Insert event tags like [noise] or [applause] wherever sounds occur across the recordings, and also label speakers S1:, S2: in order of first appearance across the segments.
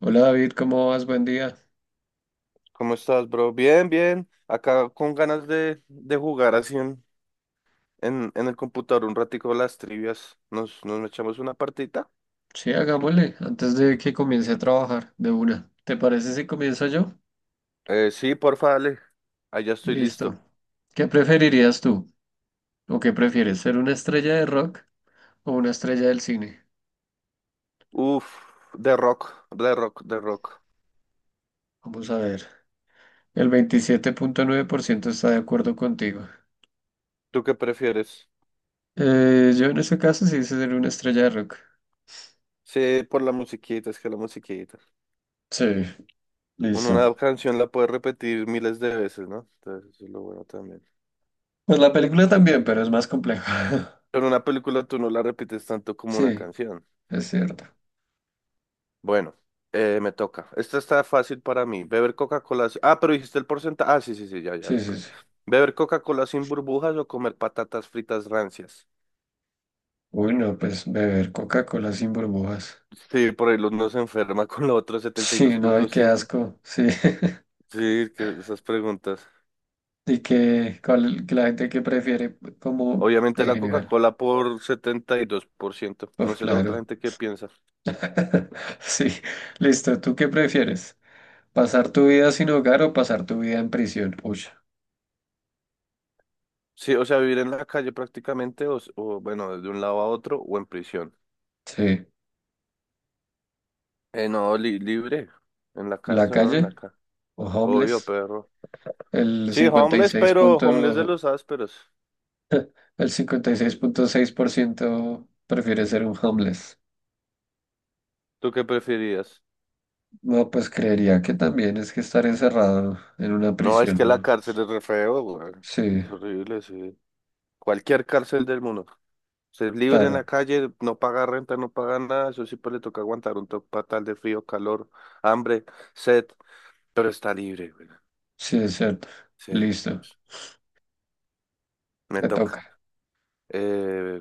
S1: Hola David, ¿cómo vas? Buen día.
S2: ¿Cómo estás, bro? Bien, bien. Acá con ganas de jugar así en el computador un ratico las trivias. Nos echamos una partita.
S1: Sí, hagámosle, antes de que comience a trabajar de una. ¿Te parece si comienzo yo?
S2: Sí, porfa, dale. Ahí ya estoy
S1: Listo.
S2: listo.
S1: ¿Qué preferirías tú? ¿O qué prefieres, ser una estrella de rock o una estrella del cine?
S2: Uf, de rock, de rock, de rock.
S1: Vamos a ver. El 27.9% está de acuerdo contigo.
S2: ¿Tú qué prefieres?
S1: Yo en ese caso sí hice ser una estrella de rock.
S2: Sí, por la musiquita, es que la musiquita.
S1: Sí,
S2: Uno
S1: listo.
S2: una canción la puede repetir miles de veces, ¿no? Entonces, eso es lo bueno también.
S1: Pues la película también, pero es más compleja. [laughs]
S2: Pero una película tú no la repites tanto como una
S1: Sí,
S2: canción.
S1: es
S2: Sí.
S1: cierto.
S2: Bueno, me toca. Esta está fácil para mí. Beber Coca-Cola. Ah, pero dijiste el porcentaje. Ah, sí, sí, sí, ya, ya
S1: Sí, sí,
S2: recuerdo.
S1: sí.
S2: Beber Coca-Cola sin burbujas o comer patatas fritas rancias.
S1: Uy, no, pues beber Coca-Cola sin burbujas.
S2: Sí, por ahí uno se enferma [laughs] con lo otro setenta y dos
S1: Sí, no, y
S2: punto
S1: qué
S2: cinco
S1: asco, sí. [laughs]
S2: Sí, que esas preguntas.
S1: Y que, que la gente que prefiere como
S2: Obviamente
S1: en
S2: la
S1: general.
S2: Coca-Cola por 72%.
S1: Pues
S2: No sé la otra
S1: claro.
S2: gente qué piensa.
S1: [laughs] Sí, listo. ¿Tú qué prefieres? ¿Pasar tu vida sin hogar o pasar tu vida en prisión? Uy,
S2: Sí, o sea, vivir en la calle prácticamente, o, bueno, de un lado a otro, o en prisión.
S1: sí.
S2: No, libre. En la
S1: ¿La
S2: cárcel, ¿no? En la
S1: calle
S2: cárcel.
S1: o
S2: Obvio,
S1: homeless?
S2: perro.
S1: El
S2: Sí,
S1: cincuenta y
S2: homeless,
S1: seis
S2: pero homeless de
S1: punto,
S2: los ásperos.
S1: el cincuenta y seis punto seis por ciento prefiere ser un homeless.
S2: ¿Tú qué preferías?
S1: No, pues creería que también es que estar encerrado en una
S2: No, es
S1: prisión,
S2: que la
S1: ¿no?
S2: cárcel es re feo, güey.
S1: Sí,
S2: Es horrible, sí. Cualquier cárcel del mundo. Ser libre en
S1: claro.
S2: la calle, no paga renta, no paga nada. Eso sí, pues le toca aguantar un toque fatal de frío, calor, hambre, sed. Pero está libre, güey.
S1: Sí, es cierto.
S2: Sí,
S1: Listo,
S2: me
S1: te
S2: toca.
S1: toca.
S2: Eh,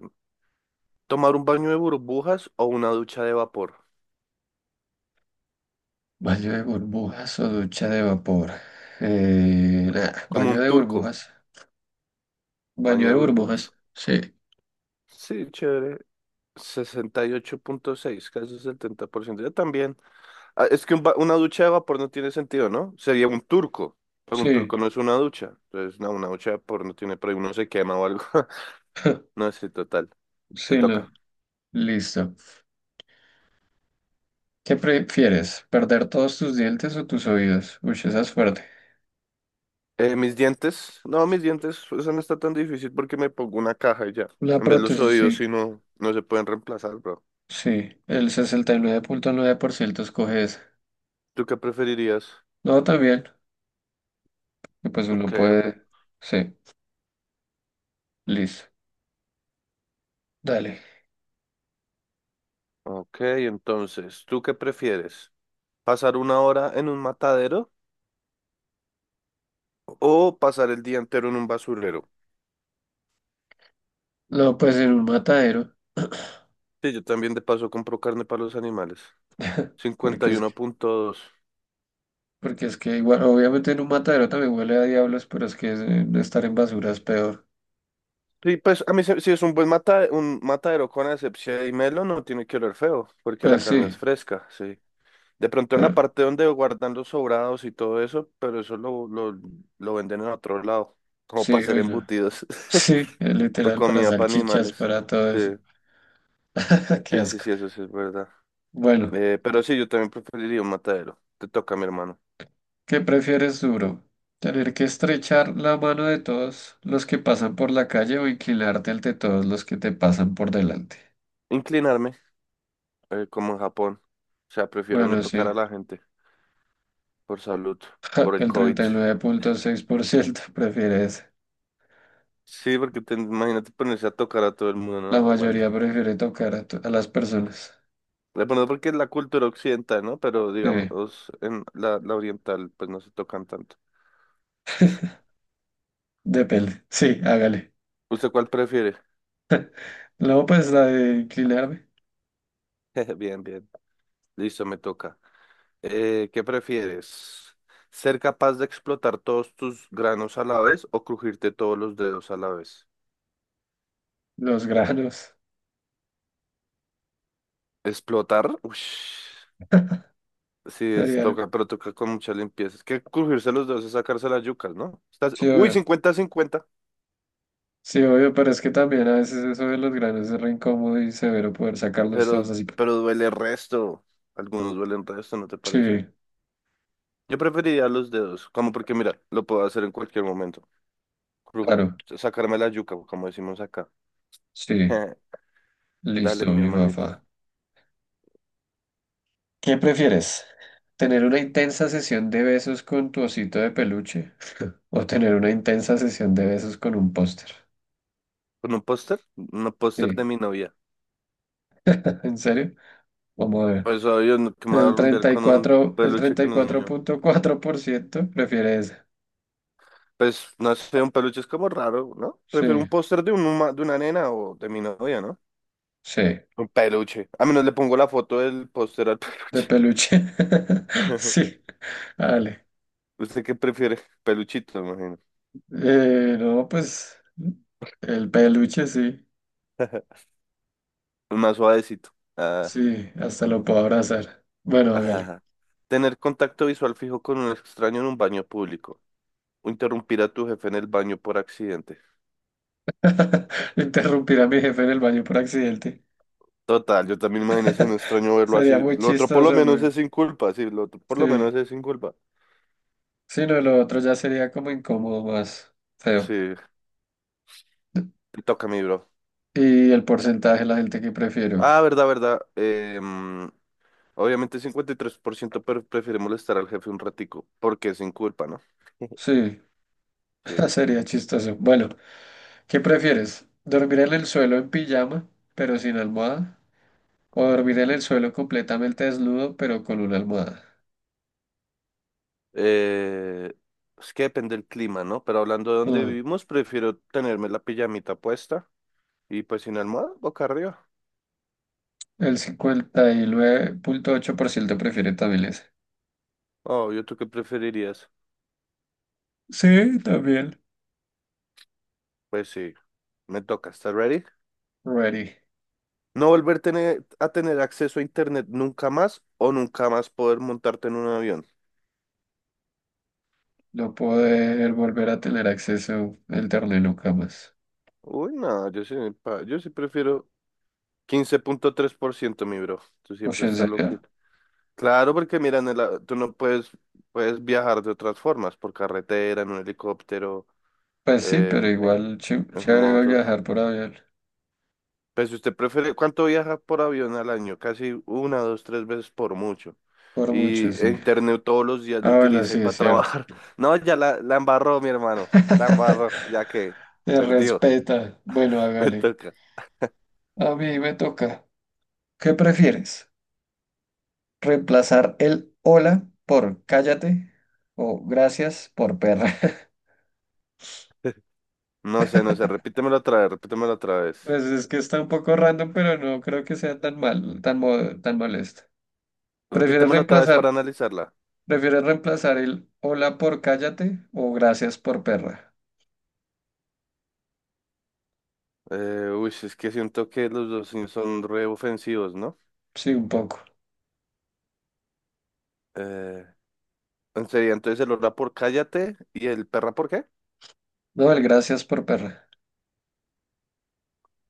S2: ¿Tomar un baño de burbujas o una ducha de vapor?
S1: Baño de burbujas o ducha de vapor. Nah,
S2: Como
S1: baño
S2: un
S1: de
S2: turco,
S1: burbujas. Baño
S2: baño
S1: de
S2: de burbujas.
S1: burbujas. Sí,
S2: Sí, chévere. 68.6, casi 70%. Yo también. Ah, es que una ducha de vapor no tiene sentido, ¿no? Sería un turco, pero un
S1: sí,
S2: turco no es una ducha. Entonces, no, una ducha de vapor no tiene, pero uno se quema o algo. [laughs]
S1: [laughs]
S2: No, sí, total. Te
S1: sí,
S2: toca.
S1: lo. Listo. ¿Qué prefieres? ¿Perder todos tus dientes o tus oídos? Uy, esa es fuerte.
S2: Mis dientes. No, mis dientes, eso no está tan difícil porque me pongo una caja y ya.
S1: La
S2: En vez de los
S1: prótesis,
S2: oídos,
S1: sí.
S2: sí, no, no se pueden reemplazar, bro.
S1: Sí, el sesenta y nueve punto nueve por ciento escoge esa.
S2: ¿Tú qué preferirías?
S1: No, también. Pues uno
S2: Ok, ok.
S1: puede. Sí, listo. Dale.
S2: Ok, entonces, ¿tú qué prefieres? ¿Pasar una hora en un matadero? O pasar el día entero en un basurero.
S1: No, pues en un matadero,
S2: Sí, yo también de paso compro carne para los animales. cincuenta
S1: porque
S2: y
S1: es
S2: uno punto dos
S1: Porque es que igual, obviamente en un matadero también huele a diablos, pero es que estar en basura es peor.
S2: Sí, pues a mí si es un buen un matadero con asepsia y melo, no tiene que oler feo, porque la
S1: Pues
S2: carne
S1: sí,
S2: es fresca, sí. De pronto en la
S1: pero
S2: parte donde guardan los sobrados y todo eso, pero eso lo venden en otro lado, como
S1: sí,
S2: para hacer
S1: uy, no.
S2: embutidos
S1: [laughs] Sí,
S2: [laughs] o
S1: literal, para
S2: comida para
S1: salchichas,
S2: animales.
S1: para todo
S2: Sí,
S1: eso. [laughs] Qué
S2: sí, sí,
S1: asco.
S2: sí, eso sí es verdad.
S1: Bueno,
S2: Pero sí, yo también preferiría un matadero. Te toca, mi hermano.
S1: ¿qué prefieres duro? ¿Tener que estrechar la mano de todos los que pasan por la calle o inclinarte ante todos los que te pasan por delante?
S2: Inclinarme. Como en Japón. O sea, prefiero no
S1: Bueno, sí,
S2: tocar a la gente por salud,
S1: [laughs]
S2: por el
S1: el
S2: COVID.
S1: 39.6% [laughs] prefiere eso.
S2: Sí, porque te, imagínate ponerse a tocar a todo el mundo, no,
S1: La
S2: no
S1: mayoría
S2: aguanta.
S1: prefiere tocar a, a las personas.
S2: De pronto porque es la cultura occidental, ¿no? Pero
S1: Sí,
S2: digamos, en la oriental, pues no se tocan tanto.
S1: depende. Sí, hágale.
S2: ¿Usted cuál prefiere?
S1: No, pues la de Quilarde,
S2: [laughs] Bien, bien. Listo, me toca. ¿Qué prefieres? ¿Ser capaz de explotar todos tus granos a la vez o crujirte todos los dedos a la vez?
S1: los granos,
S2: ¿Explotar? Ush. Sí, es
S1: sería algo.
S2: toca, pero toca con mucha limpieza. Es que crujirse los dedos es sacarse las yucas, ¿no? Estás,
S1: Sí,
S2: uy,
S1: obvio.
S2: 50 cincuenta
S1: Sí, obvio, pero es que también a veces eso de los granos es re incómodo y severo poder sacarlos
S2: pero,
S1: todos así.
S2: pero duele resto. Algunos duelen resto, ¿no te parece?
S1: Sí,
S2: Yo preferiría los dedos, como porque mira, lo puedo hacer en cualquier momento. Cru-
S1: claro,
S2: Sacarme la yuca, como decimos acá.
S1: sí,
S2: [laughs] Dale,
S1: listo,
S2: mi
S1: mi
S2: hermanito.
S1: papá. ¿Qué prefieres? ¿Tener una intensa sesión de besos con tu osito de peluche o tener una intensa sesión de besos con un póster?
S2: ¿Con un póster? Un póster de
S1: Sí,
S2: mi novia.
S1: [laughs] ¿en serio? Vamos a ver.
S2: Pues obvio, que me voy a
S1: El
S2: rumbear
S1: treinta y
S2: con un
S1: cuatro el
S2: peluche
S1: treinta
S2: que
S1: y
S2: no es
S1: cuatro
S2: mío.
S1: punto cuatro por ciento prefiere esa.
S2: Pues no sé, un peluche es como raro, ¿no?
S1: Sí,
S2: Prefiero un póster de una nena o de mi novia, ¿no?
S1: sí.
S2: Un peluche. A menos le pongo la foto del póster al
S1: De
S2: peluche.
S1: peluche. [laughs]
S2: [laughs]
S1: Sí, vale.
S2: ¿Usted qué prefiere? Peluchito, me imagino.
S1: No, pues el peluche sí,
S2: [laughs] El más suavecito. Ah,
S1: sí, hasta lo puedo abrazar. Bueno, hágale.
S2: ah. Tener contacto visual fijo con un extraño en un baño público. O interrumpir a tu jefe en el baño por accidente.
S1: [laughs] Interrumpir a mi jefe en el baño por accidente.
S2: Total, yo también imagino es un extraño verlo
S1: Sería
S2: así.
S1: muy
S2: Lo otro por lo
S1: chistoso,
S2: menos
S1: güey.
S2: es sin culpa, sí. Lo otro por
S1: Sí,
S2: lo menos es sin culpa.
S1: sí, no, lo otro ya sería como incómodo, más feo.
S2: Sí, te toca a mí, bro.
S1: Y el porcentaje de la gente que prefiere, ok.
S2: Ah, verdad, verdad. Obviamente 53%, prefiere molestar al jefe un ratico, porque es sin culpa, ¿no? [laughs]
S1: Sí,
S2: Sí.
S1: [laughs] sería chistoso. Bueno, ¿qué prefieres? ¿Dormir en el suelo en pijama, pero sin almohada? O dormir en el suelo completamente desnudo, pero con una almohada.
S2: Eh, es que depende del clima, ¿no? Pero hablando de donde
S1: Mm,
S2: vivimos, prefiero tenerme la pijamita puesta y pues sin almohada, boca arriba.
S1: El 59.8% prefiere también ese.
S2: Oh, ¿yo tú qué preferirías?
S1: Sí, también.
S2: Pues sí, me toca. ¿Estás ready?
S1: Ready.
S2: No volver a tener acceso a internet nunca más o nunca más poder montarte en un avión.
S1: No poder volver a tener acceso al internet nunca más.
S2: Uy, no, yo sí prefiero 15.3%, mi bro. Tú
S1: Pues
S2: siempre
S1: en
S2: estás
S1: serio.
S2: loquito. Claro, porque mira, tú no puedes viajar de otras formas, por carretera, en un helicóptero.
S1: Pues sí, pero
S2: en, en-
S1: igual
S2: en
S1: chévere va a
S2: moto.
S1: viajar por avión.
S2: Pues si usted prefiere, ¿cuánto viaja por avión al año? Casi una, dos, tres veces por mucho.
S1: Por mucho,
S2: Y
S1: sí.
S2: internet todos los días lo
S1: Ah, bueno,
S2: utiliza y
S1: sí, es
S2: para
S1: cierto.
S2: trabajar. [laughs] No, ya la embarró, mi hermano. La embarró, ya que
S1: [laughs] Te
S2: perdió.
S1: respeta. Bueno,
S2: [laughs] Me
S1: hágale.
S2: toca.
S1: A mí me toca. ¿Qué prefieres? Reemplazar el hola por cállate o gracias por perra. [laughs]
S2: No sé, no sé. Repítemelo otra vez, repítemelo otra vez.
S1: Pues es que está un poco random, pero no creo que sea tan mal, tan molesto. ¿Prefieres
S2: Repítemelo otra vez
S1: reemplazar,
S2: para analizarla.
S1: prefieres reemplazar el hola por cállate o gracias por perra?
S2: Uy, es que siento que los dos sí son re ofensivos, ¿no?
S1: Sí, un poco.
S2: Eh, en serio, entonces el hora por cállate y el perra por qué?
S1: No, el gracias por perra.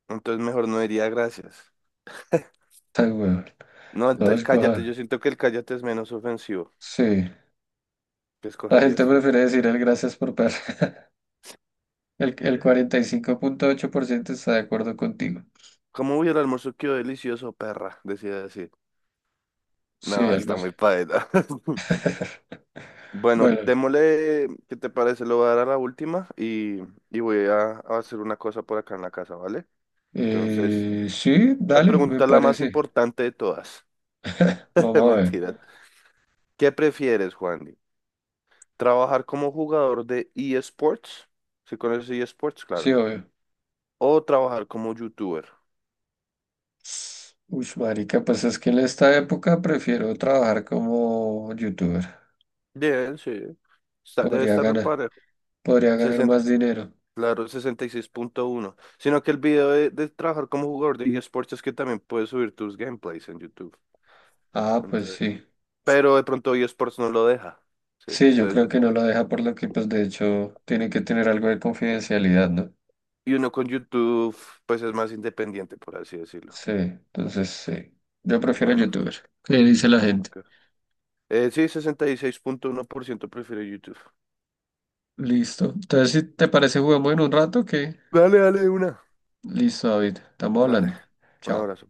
S2: Entonces mejor no diría gracias.
S1: Ay, weón.
S2: No, el
S1: No,
S2: el cállate,
S1: escoja.
S2: yo siento que el cállate es menos ofensivo.
S1: Sí.
S2: ¿Qué
S1: La gente
S2: escogerías tú?
S1: prefiere decir el gracias por perra. [laughs] El 45.8% está de acuerdo contigo.
S2: ¿Cómo hubiera el almuerzo? Quedó delicioso, perra, decía decir.
S1: Sí,
S2: No,
S1: algo
S2: está
S1: así.
S2: muy paeta. [laughs] Bueno,
S1: Bueno.
S2: démosle, ¿qué te parece? Lo voy a dar a la última y voy a hacer una cosa por acá en la casa, ¿vale? Entonces,
S1: Sí,
S2: esta
S1: dale, me
S2: pregunta es la más
S1: parece.
S2: importante de todas. [laughs]
S1: Vamos a ver.
S2: Mentira. ¿Qué prefieres, Juan? ¿Trabajar como jugador de eSports? Si conoces eSports, claro.
S1: Sí, obvio.
S2: O trabajar como youtuber.
S1: Uy, marica, pues es que en esta época prefiero trabajar como youtuber.
S2: Bien, sí. Debe
S1: Podría
S2: estar
S1: ganar,
S2: reparado.
S1: podría ganar
S2: Sesenta,
S1: más dinero.
S2: claro, 66.1. Sino que el video de trabajar como jugador de eSports es que también puedes subir tus gameplays en YouTube.
S1: Ah, pues
S2: Entonces.
S1: sí.
S2: Pero de pronto eSports no lo deja. Sí.
S1: Sí, yo
S2: Entonces,
S1: creo que no lo deja por lo que, pues de hecho, tiene que tener algo de confidencialidad, ¿no?
S2: y uno con YouTube, pues es más independiente, por así decirlo.
S1: Sí, entonces sí. Yo prefiero
S2: Bueno,
S1: youtuber. ¿Qué dice la gente?
S2: ok. Sí, 66.1% prefiere YouTube.
S1: Listo. Entonces, si te parece, jugamos en un rato, ¿qué?
S2: Dale, dale, una.
S1: Listo, David. Estamos
S2: Vale.
S1: hablando.
S2: Un
S1: Chao.
S2: abrazo.